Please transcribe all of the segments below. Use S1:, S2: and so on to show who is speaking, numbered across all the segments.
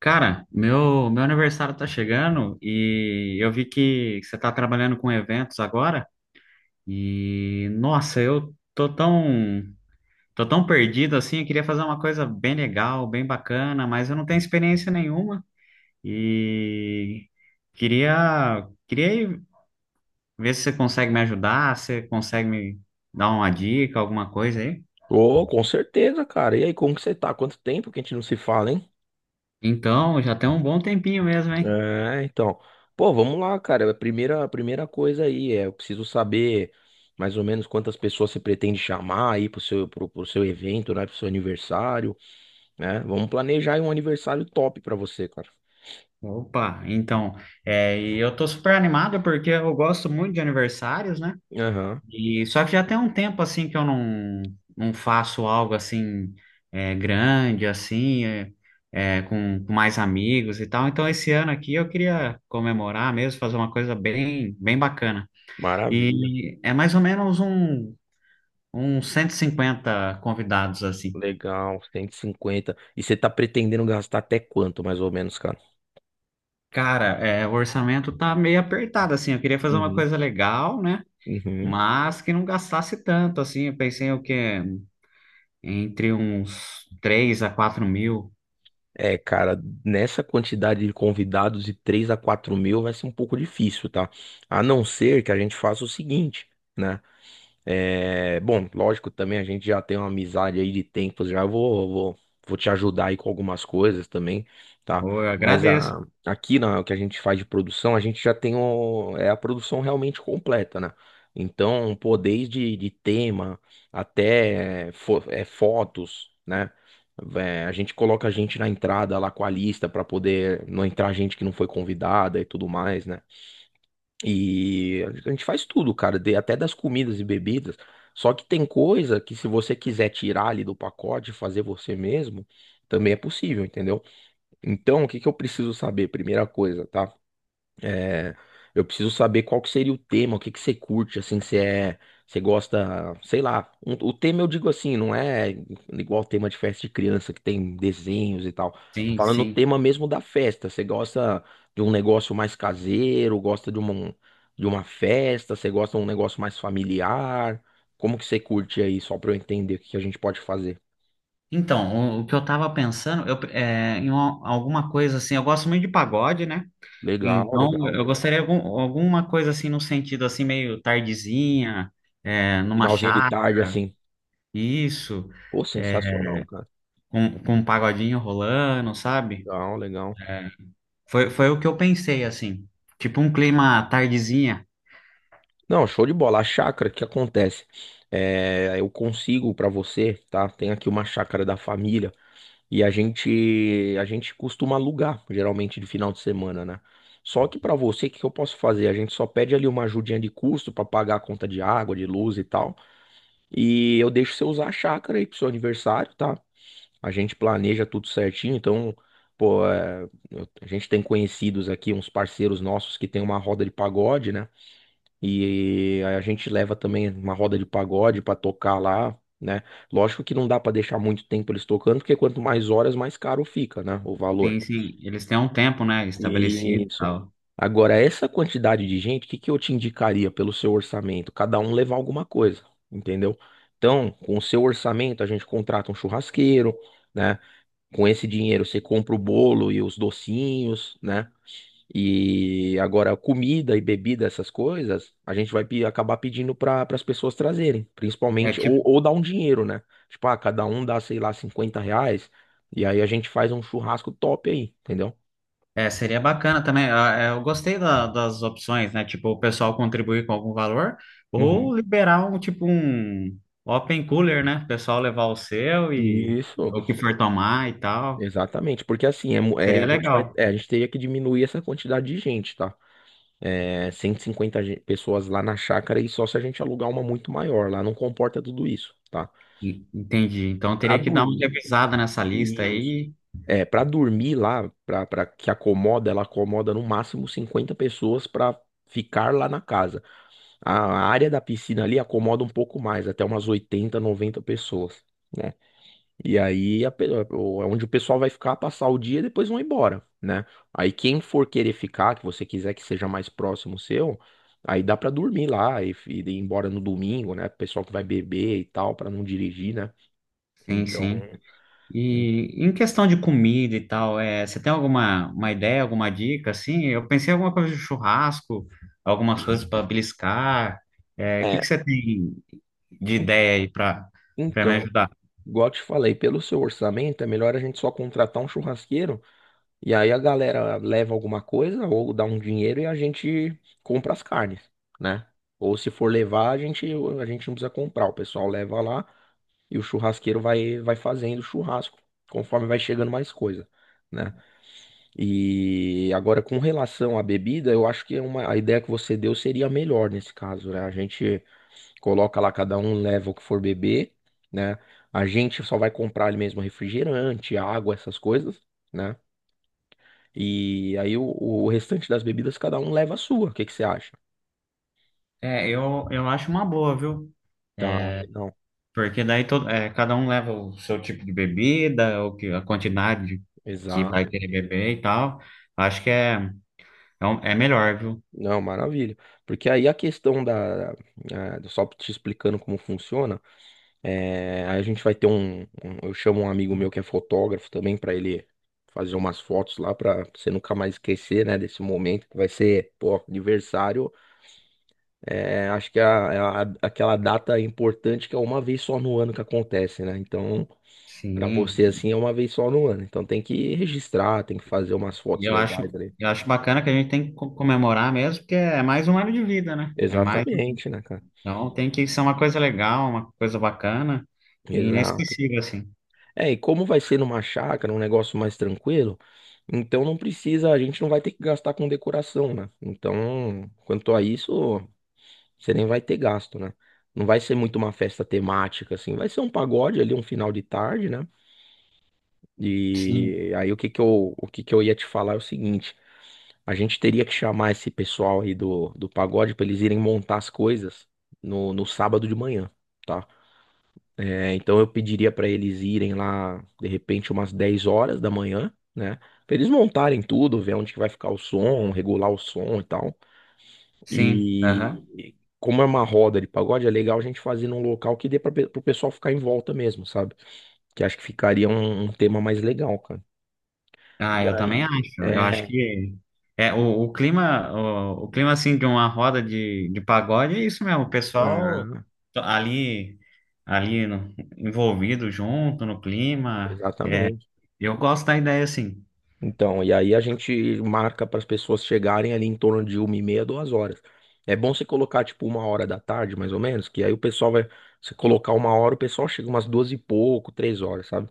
S1: Cara, meu aniversário tá chegando e eu vi que você tá trabalhando com eventos agora e, nossa, tô tão perdido assim, eu queria fazer uma coisa bem legal, bem bacana, mas eu não tenho experiência nenhuma e queria ver se você consegue me ajudar, se você consegue me dar uma dica, alguma coisa aí.
S2: Oh, com certeza, cara. E aí, como que você tá? Quanto tempo que a gente não se fala, hein?
S1: Então, já tem um bom tempinho mesmo, hein?
S2: É, então. Pô, vamos lá, cara. A primeira coisa aí é, eu preciso saber mais ou menos quantas pessoas você pretende chamar aí pro seu evento, né? Pro seu aniversário, né? Vamos planejar aí um aniversário top pra você, cara.
S1: Opa, então, e eu tô super animado porque eu gosto muito de aniversários, né?
S2: Aham.
S1: E só que já tem um tempo assim que eu não, não faço algo assim grande, com mais amigos e tal. Então, esse ano aqui eu queria comemorar mesmo, fazer uma coisa bem, bem bacana.
S2: Maravilha.
S1: E é mais ou uns 150 convidados assim.
S2: Legal, 150. E cinquenta. E você tá pretendendo gastar até quanto, mais ou menos, cara?
S1: Cara, o orçamento tá meio apertado assim. Eu queria fazer uma
S2: Uhum.
S1: coisa legal, né?
S2: Uhum.
S1: Mas que não gastasse tanto, assim, eu pensei o quê? Entre uns 3 a 4 mil.
S2: É, cara, nessa quantidade de convidados de 3 a 4 mil vai ser um pouco difícil, tá? A não ser que a gente faça o seguinte, né? É, bom, lógico, também a gente já tem uma amizade aí de tempos, já vou te ajudar aí com algumas coisas também, tá?
S1: Ô, eu
S2: Mas
S1: agradeço,
S2: o que a gente faz de produção, a gente já tem é a produção realmente completa, né? Então, pô, desde de tema até fotos, né? É, a gente coloca a gente na entrada lá com a lista para poder não entrar gente que não foi convidada e tudo mais, né? E a gente faz tudo, cara, até das comidas e bebidas. Só que tem coisa que se você quiser tirar ali do pacote e fazer você mesmo, também é possível, entendeu? Então, o que que eu preciso saber? Primeira coisa, tá? É, eu preciso saber qual que seria o tema, o que que você curte, assim, se é, você gosta, sei lá. O tema eu digo assim, não é igual o tema de festa de criança que tem desenhos e tal. Tô
S1: sim,
S2: falando o
S1: sim.
S2: tema mesmo da festa. Você gosta de um negócio mais caseiro, gosta de uma festa, você gosta de um negócio mais familiar? Como que você curte aí, só pra eu entender o que que a gente pode fazer?
S1: Então, o que eu tava pensando, em alguma coisa assim, eu gosto muito de pagode, né?
S2: Legal,
S1: Então,
S2: legal.
S1: eu gostaria de alguma coisa assim, no sentido assim, meio tardezinha, numa
S2: Finalzinho de
S1: chácara,
S2: tarde, assim.
S1: isso,
S2: Pô,
S1: é,
S2: sensacional, cara.
S1: com um pagodinho rolando, sabe?
S2: Legal, legal.
S1: Foi o que eu pensei, assim, tipo um clima tardezinha.
S2: Não, show de bola. A chácara, o que acontece? É, eu consigo pra você, tá? Tem aqui uma chácara da família e a gente costuma alugar, geralmente de final de semana, né? Só que pra você, o que que eu posso fazer? A gente só pede ali uma ajudinha de custo pra pagar a conta de água, de luz e tal. E eu deixo você usar a chácara aí pro seu aniversário, tá? A gente planeja tudo certinho, então, pô, a gente tem conhecidos aqui, uns parceiros nossos que tem uma roda de pagode, né? E a gente leva também uma roda de pagode pra tocar lá, né? Lógico que não dá pra deixar muito tempo eles tocando, porque quanto mais horas, mais caro fica, né? O valor.
S1: Sim, sim. Eles têm um tempo, né, estabelecido e
S2: Isso.
S1: tal.
S2: Agora, essa quantidade de gente, o que que eu te indicaria pelo seu orçamento? Cada um levar alguma coisa, entendeu? Então, com o seu orçamento, a gente contrata um churrasqueiro, né? Com esse dinheiro, você compra o bolo e os docinhos, né? E agora, comida e bebida, essas coisas, a gente vai acabar pedindo para as pessoas trazerem,
S1: É
S2: principalmente, ou,
S1: tipo,
S2: ou dar um dinheiro, né? Tipo, ah, cada um dá, sei lá, R$ 50, e aí a gente faz um churrasco top aí, entendeu?
S1: é, seria bacana também. Ah, é, eu gostei das opções, né? Tipo, o pessoal contribuir com algum valor ou
S2: Uhum.
S1: liberar um tipo um open cooler, né? O pessoal levar o seu e
S2: Isso,
S1: o que for tomar e tal.
S2: exatamente, porque assim, a
S1: Seria
S2: gente vai,
S1: legal.
S2: é, a gente teria que diminuir essa quantidade de gente, tá? É, 150 pessoas lá na chácara e só se a gente alugar uma muito maior, lá não comporta tudo isso, tá?
S1: Entendi. Então
S2: Pra
S1: teria que dar uma
S2: dormir,
S1: revisada nessa lista
S2: isso.
S1: aí.
S2: Para dormir lá, para pra que acomoda, ela acomoda no máximo 50 pessoas para ficar lá na casa. A área da piscina ali acomoda um pouco mais, até umas 80, 90 pessoas, né? E aí é onde o pessoal vai ficar, passar o dia e depois vão embora, né? Aí quem for querer ficar, que você quiser que seja mais próximo seu, aí dá para dormir lá e ir embora no domingo, né? Pessoal que vai beber e tal, para não dirigir, né?
S1: Sim,
S2: Então,
S1: sim.
S2: en-
S1: E em questão de comida e tal, é, você tem alguma uma ideia, alguma dica assim? Eu pensei em alguma coisa de churrasco, algumas coisas
S2: en-
S1: para beliscar. É, o que
S2: é,
S1: que você tem de
S2: en-
S1: ideia aí para me
S2: então.
S1: ajudar?
S2: Igual eu te falei, pelo seu orçamento, é melhor a gente só contratar um churrasqueiro e aí a galera leva alguma coisa ou dá um dinheiro e a gente compra as carnes, né? Ou se for levar, a gente não precisa comprar, o pessoal leva lá e o churrasqueiro vai fazendo churrasco conforme vai chegando mais coisa, né? E agora com relação à bebida, eu acho que a ideia que você deu seria a melhor nesse caso, né? A gente coloca lá, cada um leva o que for beber, né? A gente só vai comprar ali mesmo refrigerante, água, essas coisas, né? E aí o restante das bebidas cada um leva a sua. O que que você acha?
S1: É, eu acho uma boa, viu?
S2: Tá, legal.
S1: Porque daí todo, é, cada um leva o seu tipo de bebida, o que, a quantidade que vai
S2: Exato.
S1: querer beber e tal. Acho que é melhor, viu?
S2: Não, maravilha. Porque aí a questão da. Só te explicando como funciona. Aí a gente vai ter um, um- Eu chamo um amigo meu que é fotógrafo também para ele fazer umas fotos lá para você nunca mais esquecer, né, desse momento que vai ser, pô, aniversário. Acho que é aquela data importante que é uma vez só no ano que acontece, né? Então, pra
S1: Sim.
S2: você assim é uma vez só no ano. Então tem que registrar, tem que fazer umas
S1: E
S2: fotos legais ali.
S1: eu acho bacana que a gente tem que comemorar mesmo, porque é mais um ano de vida, né? É mais,
S2: Exatamente, né, cara?
S1: então tem que ser uma coisa legal, uma coisa bacana e
S2: Exato.
S1: inesquecível, assim.
S2: E como vai ser numa chácara, um negócio mais tranquilo, então não precisa, a gente não vai ter que gastar com decoração, né? Então, quanto a isso, você nem vai ter gasto, né? Não vai ser muito uma festa temática, assim. Vai ser um pagode ali, um final de tarde, né?
S1: Sim,
S2: E aí o que que eu ia te falar é o seguinte, a gente teria que chamar esse pessoal aí do pagode para eles irem montar as coisas no sábado de manhã, tá? Então eu pediria para eles irem lá, de repente, umas 10 horas da manhã, né? Pra eles montarem tudo, ver onde que vai ficar o som, regular o som e tal.
S1: sim, aham.
S2: E como é uma roda de pagode, é legal a gente fazer num local que dê para o pessoal ficar em volta mesmo, sabe? Que acho que ficaria um tema mais legal, cara.
S1: Ah,
S2: E
S1: eu também
S2: aí,
S1: acho. Eu acho
S2: é,
S1: que é o clima, o clima assim de uma roda de pagode é isso mesmo. O pessoal
S2: é,
S1: to- ali, ali envolvido junto no clima. É,
S2: exatamente.
S1: eu gosto da ideia assim.
S2: Então, e aí a gente marca para as pessoas chegarem ali em torno de uma e meia, duas horas. É bom você colocar tipo uma hora da tarde, mais ou menos, que aí o pessoal vai. Se colocar uma hora, o pessoal chega umas duas e pouco, três horas, sabe?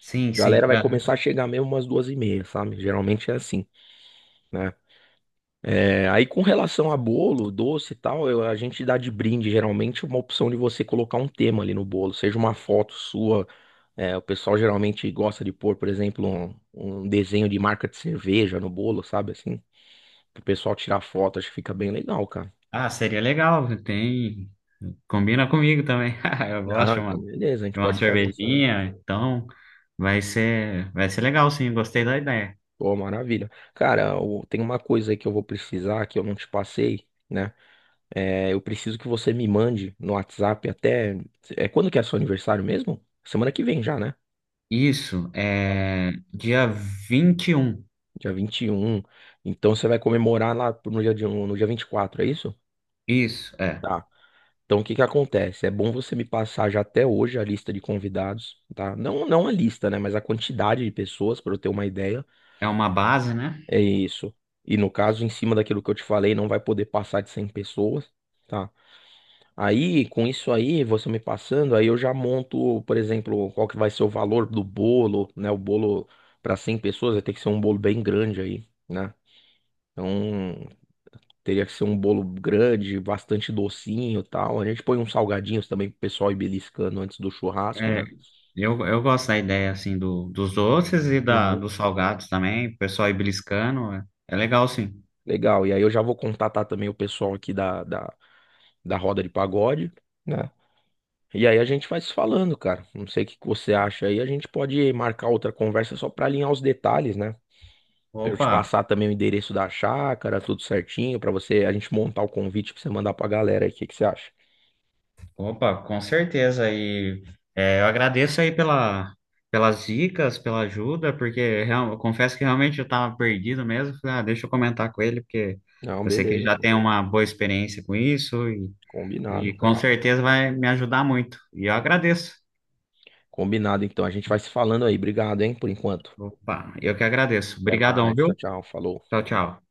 S1: Sim,
S2: A
S1: sim.
S2: galera vai começar a chegar mesmo umas duas e meia, sabe? Geralmente é assim, né? Aí com relação a bolo, doce e tal, a gente dá de brinde geralmente uma opção de você colocar um tema ali no bolo, seja uma foto sua. O pessoal geralmente gosta de pôr, por exemplo, um desenho de marca de cerveja no bolo, sabe assim? Pro pessoal tirar foto, acho que fica bem legal, cara.
S1: Ah, seria legal. Tem. Combina comigo também. Eu
S2: Ah,
S1: gosto, mano,
S2: então beleza, a gente
S1: de uma
S2: pode fazer isso aí.
S1: cervejinha, então vai ser legal, sim. Gostei da ideia.
S2: Pô, maravilha. Cara, tem uma coisa aí que eu vou precisar que eu não te passei, né? É, eu preciso que você me mande no WhatsApp até. Quando que é seu aniversário mesmo? Semana que vem já, né?
S1: Isso é dia 21.
S2: Dia 21. Então você vai comemorar lá no dia 24, é isso?
S1: Isso, é.
S2: Tá. Então, o que que acontece? É bom você me passar já até hoje a lista de convidados, tá? Não, não a lista, né? Mas a quantidade de pessoas, para eu ter uma ideia.
S1: É uma base, né?
S2: É isso. E no caso, em cima daquilo que eu te falei, não vai poder passar de 100 pessoas, tá? Aí, com isso aí, você me passando, aí eu já monto, por exemplo, qual que vai ser o valor do bolo, né? O bolo para 100 pessoas vai ter que ser um bolo bem grande aí, né? Então, teria que ser um bolo grande, bastante docinho e tal. A gente põe uns salgadinhos também pro pessoal ir beliscando antes do churrasco,
S1: É,
S2: né?
S1: eu gosto da ideia, assim, dos doces
S2: Uhum.
S1: dos salgados também. O pessoal ir beliscando. É, é legal, sim.
S2: Legal. E aí eu já vou contatar também o pessoal aqui da roda de pagode, né? E aí a gente vai se falando, cara. Não sei o que que você acha aí. A gente pode marcar outra conversa só pra alinhar os detalhes, né? Pra eu te
S1: Opa.
S2: passar também o endereço da chácara, tudo certinho, pra você a gente montar o convite pra você mandar pra galera aí. O que que você acha?
S1: Opa, com certeza. E é, eu agradeço pelas dicas, pela ajuda, porque eu confesso que realmente eu estava perdido mesmo. Falei, ah, deixa eu comentar com ele, porque
S2: Não,
S1: eu sei que ele
S2: beleza.
S1: já
S2: Mano.
S1: tem uma boa experiência com isso
S2: Combinado,
S1: e com
S2: cara.
S1: certeza vai me ajudar muito. E eu agradeço.
S2: Combinado, então. A gente vai se falando aí. Obrigado, hein, por enquanto.
S1: Opa, eu que agradeço.
S2: Até
S1: Obrigadão,
S2: mais. Tchau,
S1: viu?
S2: tchau. Falou.
S1: Tchau, tchau.